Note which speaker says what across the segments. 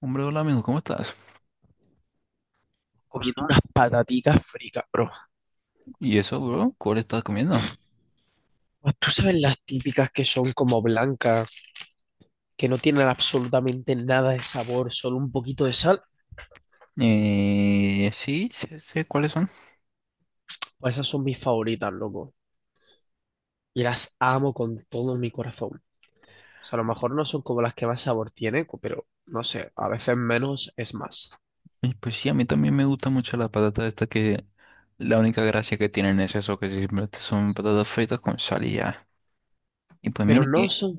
Speaker 1: Hombre, hola amigo, ¿cómo estás?
Speaker 2: Comiendo unas patatitas fritas, bro.
Speaker 1: ¿Y eso, bro? ¿Cuál estás comiendo?
Speaker 2: Tú sabes las típicas que son como blancas, que no tienen absolutamente nada de sabor, solo un poquito de sal.
Speaker 1: Sí, sé cuáles son.
Speaker 2: Pues esas son mis favoritas, loco. Y las amo con todo mi corazón. O sea, a lo mejor no son como las que más sabor tienen, pero no sé, a veces menos es más.
Speaker 1: Pues sí, a mí también me gusta mucho la patata esta que la única gracia que tienen es eso, que simplemente son patatas fritas con sal y ya. Y pues
Speaker 2: Pero
Speaker 1: mira
Speaker 2: no
Speaker 1: que,
Speaker 2: son,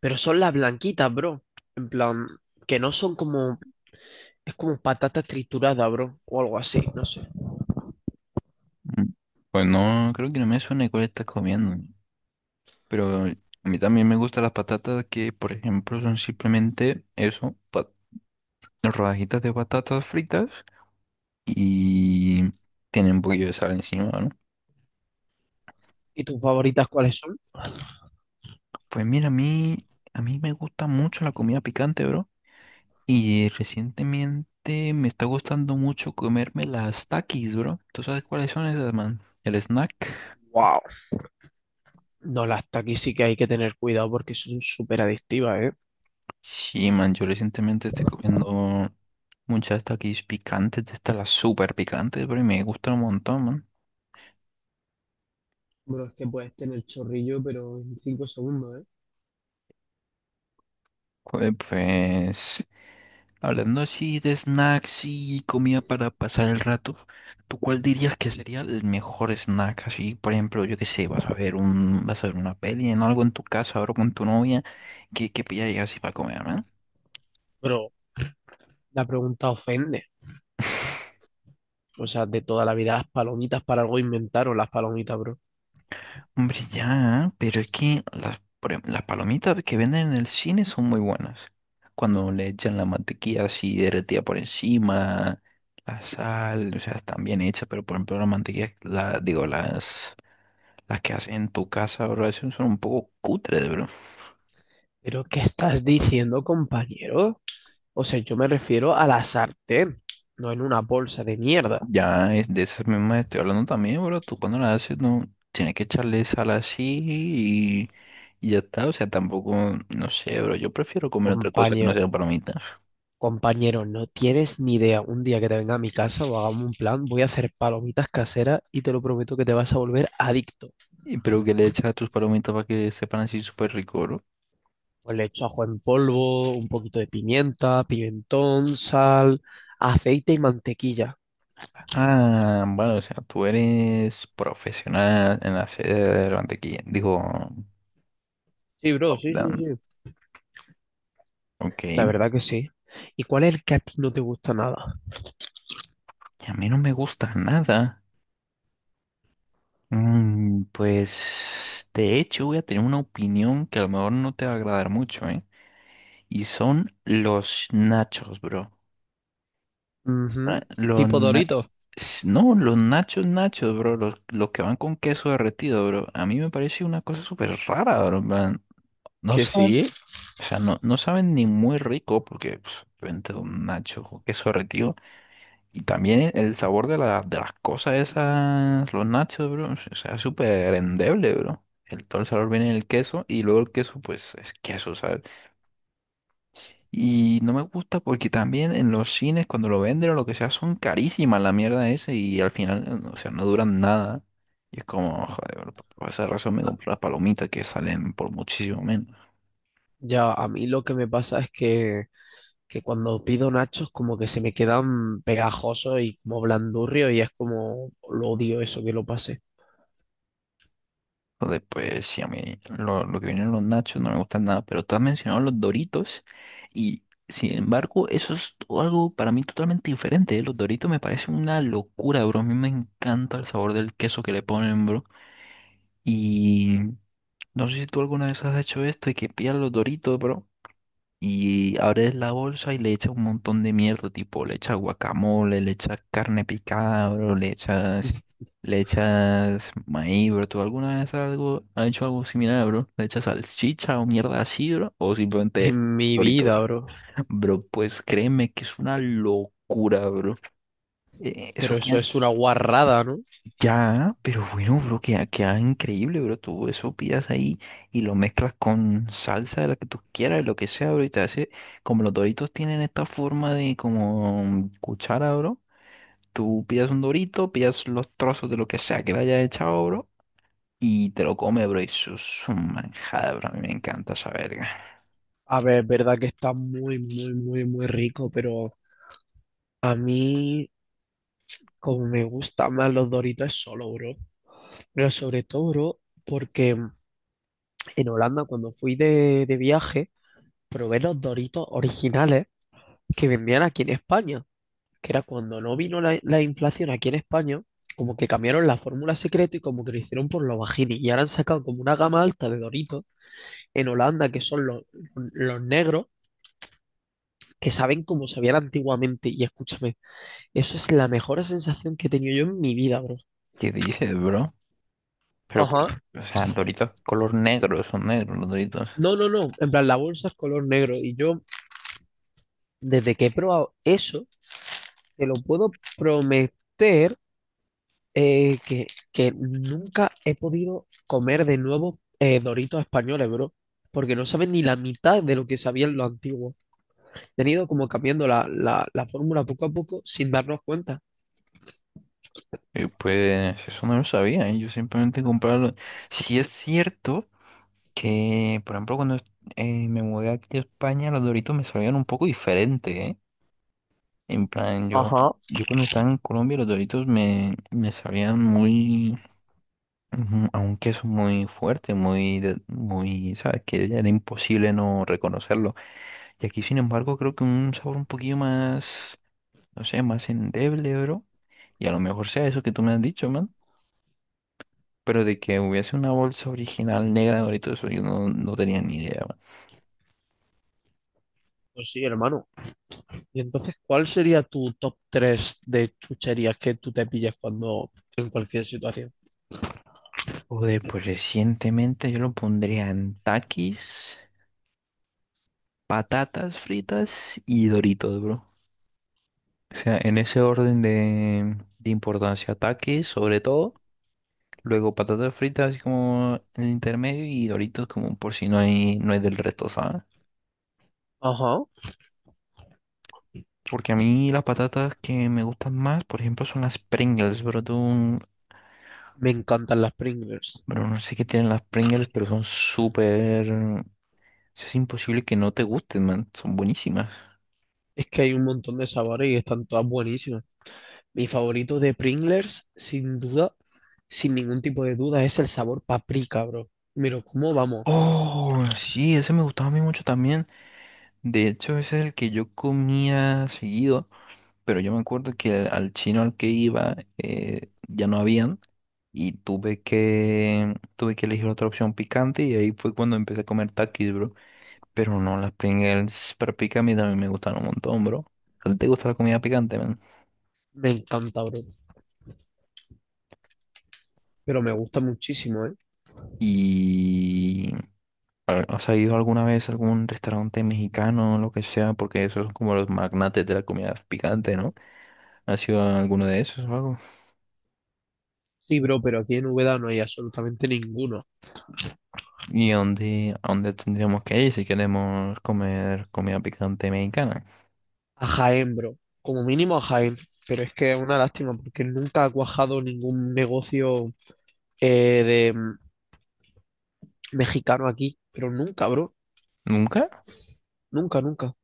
Speaker 2: pero son las blanquitas, bro. En plan, que no son como, es como patatas trituradas, bro, o algo así, no sé.
Speaker 1: mm, pues no, creo que no me suena cuál estás comiendo. Pero a mí también me gustan las patatas que, por ejemplo, son simplemente eso, rodajitas de patatas fritas y tienen un poquillo de sal encima, ¿no?
Speaker 2: ¿Y tus favoritas cuáles son?
Speaker 1: Pues mira, a mí me gusta mucho la comida picante, bro. Y recientemente me está gustando mucho comerme las Takis, bro. ¿Tú sabes cuáles son esas, man? El snack.
Speaker 2: Wow. No, las Takis sí que hay que tener cuidado porque son súper adictivas, ¿eh?
Speaker 1: Sí, man, yo recientemente estoy comiendo muchas Takis picantes, de estas las súper picantes, bro, y me gustan un montón, man.
Speaker 2: Bueno, es que puedes tener chorrillo, pero en 5 segundos, ¿eh?
Speaker 1: Pues, pues, Hablando así de snacks y comida para pasar el rato, ¿tú cuál dirías que sería el mejor snack? Así, por ejemplo, yo qué sé, vas a ver vas a ver una peli en algo en tu casa, ahora con tu novia, ¿qué pillarías así para comer, ¿no?
Speaker 2: Pero la pregunta ofende. O sea, de toda la vida las palomitas para algo inventaron las palomitas, bro.
Speaker 1: Hombre, ya, pero es que por ejemplo, las palomitas que venden en el cine son muy buenas. Cuando le echan la mantequilla así derretida por encima, la sal, o sea, están bien hechas, pero por ejemplo la mantequilla, digo, las que hacen en tu casa, bro, esas son un poco cutres, bro.
Speaker 2: ¿Pero qué estás diciendo, compañero? O sea, yo me refiero a la sartén, no en una bolsa de mierda,
Speaker 1: Ya es de esas mismas estoy hablando también, bro. Tú cuando las haces, no, tienes que echarle sal así y ya está. O sea, tampoco, no sé, bro. Yo prefiero comer otra cosa que no
Speaker 2: compañero.
Speaker 1: sean palomitas.
Speaker 2: Compañero, no tienes ni idea. Un día que te venga a mi casa o hagamos un plan, voy a hacer palomitas caseras y te lo prometo que te vas a volver adicto.
Speaker 1: Y pero que le echas a tus palomitas para que sepan así súper rico, bro.
Speaker 2: Pues le echo ajo en polvo, un poquito de pimienta, pimentón, sal, aceite y mantequilla.
Speaker 1: Ah, bueno, o sea, tú eres profesional en la sede de la mantequilla. Digo,
Speaker 2: Sí, bro, sí, sí,
Speaker 1: palomitas.
Speaker 2: sí.
Speaker 1: Ok,
Speaker 2: La
Speaker 1: y
Speaker 2: verdad que sí. ¿Y cuál es el que a ti no te gusta nada?
Speaker 1: a mí no me gusta nada. Pues de hecho voy a tener una opinión que a lo mejor no te va a agradar mucho, ¿eh? Y son los nachos, bro. Ah,
Speaker 2: Ujú. Tipo Doritos.
Speaker 1: No, los nachos nachos, bro. Los que van con queso derretido, bro. A mí me parece una cosa súper rara, bro. En plan, no
Speaker 2: Que sí.
Speaker 1: saben, o sea, no saben ni muy rico porque pues, obviamente un nacho con queso derretido. Y también el sabor de las cosas esas, los nachos, bro, o sea, es súper endeble, bro. El, todo el sabor viene en el queso y luego el queso, pues, es queso, ¿sabes? Y no me gusta porque también en los cines, cuando lo venden o lo que sea, son carísimas la mierda esa y al final, o sea, no duran nada. Y es como, joder, bro, por esa razón me
Speaker 2: Ah,
Speaker 1: compro las palomitas que salen por muchísimo menos.
Speaker 2: ya, a mí lo que me pasa es que cuando pido nachos como que se me quedan pegajosos y como blandurrios y es como lo odio eso que lo pase
Speaker 1: Joder, pues sí, a mí lo que vienen los nachos no me gustan nada, pero tú has mencionado los Doritos y sin embargo eso es algo para mí totalmente diferente, ¿eh? Los Doritos me parecen una locura, bro. A mí me encanta el sabor del queso que le ponen, bro. Y no sé si tú alguna vez has hecho esto y que pillas los Doritos, bro. Y abres la bolsa y le echas un montón de mierda, tipo, le echas guacamole, le echas carne picada, bro, le echas maíz, bro. ¿Tú has hecho algo similar, bro? ¿Le echas salchicha o mierda así, bro? ¿O simplemente
Speaker 2: en mi
Speaker 1: Doritos?
Speaker 2: vida, bro.
Speaker 1: Bro, pues créeme que es una locura, bro. Eh, eso,
Speaker 2: Pero eso es una guarrada, ¿no?
Speaker 1: ya, pero bueno, bro, queda increíble, bro. Tú eso pidas ahí y lo mezclas con salsa de la que tú quieras, de lo que sea, bro. Y te hace, como los doritos tienen esta forma de como cuchara, bro. Tú pidas un dorito, pidas los trozos de lo que sea que le haya echado, bro. Y te lo comes, bro. Y eso es un manjada, bro. A mí me encanta esa verga.
Speaker 2: A ver, es verdad que está muy, muy, muy, muy rico, pero a mí como me gustan más los Doritos es solo, bro. Pero sobre todo, bro, porque en Holanda cuando fui de viaje probé los Doritos originales que vendían aquí en España, que era cuando no vino la inflación aquí en España, como que cambiaron la fórmula secreta y como que lo hicieron por los bajini. Y ahora han sacado como una gama alta de Doritos en Holanda, que son los negros, que saben cómo sabían antiguamente. Y escúchame, eso es la mejor sensación que he tenido yo en mi vida, bro.
Speaker 1: ¿Qué dices, bro? Pero,
Speaker 2: Ajá.
Speaker 1: por- o sea, doritos color negro, son negros los doritos.
Speaker 2: No, no, no. En plan, la bolsa es color negro. Y yo, desde que he probado eso, te lo puedo prometer que nunca he podido comer de nuevo Doritos españoles, bro. Porque no saben ni la mitad de lo que sabían los antiguos. Han ido como cambiando la fórmula poco a poco sin darnos cuenta.
Speaker 1: Y pues, eso no lo sabía, ¿eh? Yo simplemente compraba los... Si es cierto. Que, por ejemplo, cuando me mudé aquí a España, los Doritos me sabían un poco diferente, ¿eh? En plan,
Speaker 2: Ajá.
Speaker 1: yo cuando estaba en Colombia, me sabían muy, ujú, a un queso muy fuerte, muy, ¿sabes? Que era imposible no reconocerlo. Y aquí, sin embargo, creo que un sabor un poquillo más, no sé, más endeble, bro. Y a lo mejor sea eso que tú me has dicho, man. Pero de que hubiese una bolsa original negra de Doritos, eso yo no tenía ni idea.
Speaker 2: Pues sí, hermano. Y entonces, ¿cuál sería tu top 3 de chucherías que tú te pillas cuando en cualquier situación?
Speaker 1: Joder, pues recientemente yo lo pondría en taquis, patatas fritas y Doritos, bro. O sea, en ese orden de importancia, taquis sobre todo, luego patatas fritas como en el intermedio y Doritos como por si no hay del resto, ¿sabes?
Speaker 2: Ajá.
Speaker 1: Porque a mí las patatas que me gustan más, por ejemplo, son las Pringles, bro. Tú,
Speaker 2: Me encantan las Pringles.
Speaker 1: bro, no sé qué tienen las Pringles, pero son súper... Es imposible que no te gusten, man. Son buenísimas.
Speaker 2: Es que hay un montón de sabores y están todas buenísimas. Mi favorito de Pringles, sin duda, sin ningún tipo de duda, es el sabor paprika, bro. Mira, ¿cómo vamos?
Speaker 1: Oh, sí, ese me gustaba a mí mucho también. De hecho, ese es el que yo comía seguido, pero yo me acuerdo que al chino al que iba ya no habían y tuve que elegir otra opción picante y ahí fue cuando empecé a comer takis, bro. Pero no, las Pringles para pica a mí también me gustan un montón, bro. ¿A ti te gusta la comida picante, man?
Speaker 2: Me encanta, bro. Pero me gusta muchísimo, ¿eh?
Speaker 1: Y a ¿has ido alguna vez a algún restaurante mexicano o lo que sea? Porque esos son como los magnates de la comida picante, ¿no? ¿Ha sido alguno de esos o algo?
Speaker 2: Sí, bro, pero aquí en Úbeda no hay absolutamente ninguno.
Speaker 1: ¿Y a a dónde tendríamos que ir si queremos comer comida picante mexicana?
Speaker 2: A Jaén, bro. Como mínimo a Jaén. Pero es que es una lástima porque nunca ha cuajado ningún negocio de mexicano aquí. Pero nunca, bro.
Speaker 1: ¿Nunca?
Speaker 2: Nunca, nunca.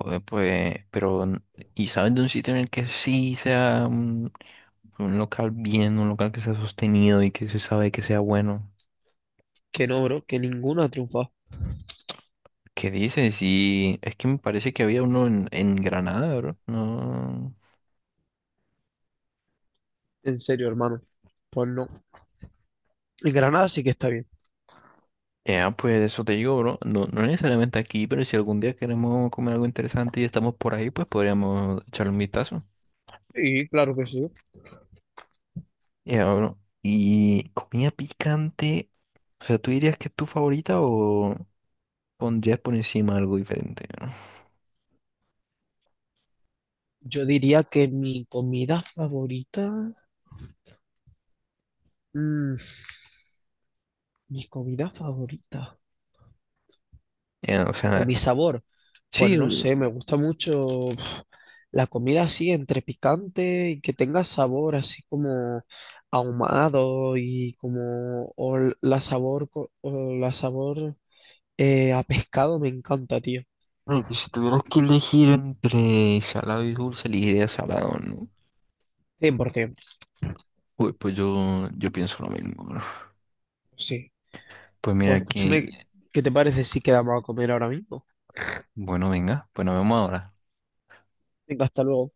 Speaker 1: Joder, ¿y sabes de un sitio en el que sí sea un local bien, un local que sea sostenido y que se sabe que sea bueno?
Speaker 2: Que no, bro. Que ninguno ha triunfado.
Speaker 1: ¿Qué dices? Y es que me parece que había uno en Granada, bro. No.
Speaker 2: En serio, hermano. Pues no. En Granada sí que está bien.
Speaker 1: Ya, pues eso te digo, bro. No, no necesariamente aquí, pero si algún día queremos comer algo interesante y estamos por ahí, pues podríamos echarle un vistazo.
Speaker 2: Sí, claro que sí.
Speaker 1: Ya, bro. Y comida picante, o sea, ¿tú dirías que es tu favorita o pondrías por encima algo diferente? ¿No?
Speaker 2: Yo diría que mi comida favorita, mm, mi comida favorita
Speaker 1: Ya, o
Speaker 2: o
Speaker 1: sea,
Speaker 2: mi sabor, pues
Speaker 1: sí,
Speaker 2: no sé, me gusta mucho uf, la comida así entre picante y que tenga sabor así como ahumado y como o la sabor a pescado me encanta, tío.
Speaker 1: bueno, que si tuvieras que elegir entre salado y dulce, elegiría salado, ¿no?
Speaker 2: 100%,
Speaker 1: Pues, yo pienso lo mismo, bro.
Speaker 2: sí.
Speaker 1: Pues
Speaker 2: Pues
Speaker 1: mira
Speaker 2: escúchame,
Speaker 1: que,
Speaker 2: ¿qué te parece si quedamos a comer ahora mismo?
Speaker 1: bueno, venga, pues nos vemos ahora.
Speaker 2: Venga, hasta luego.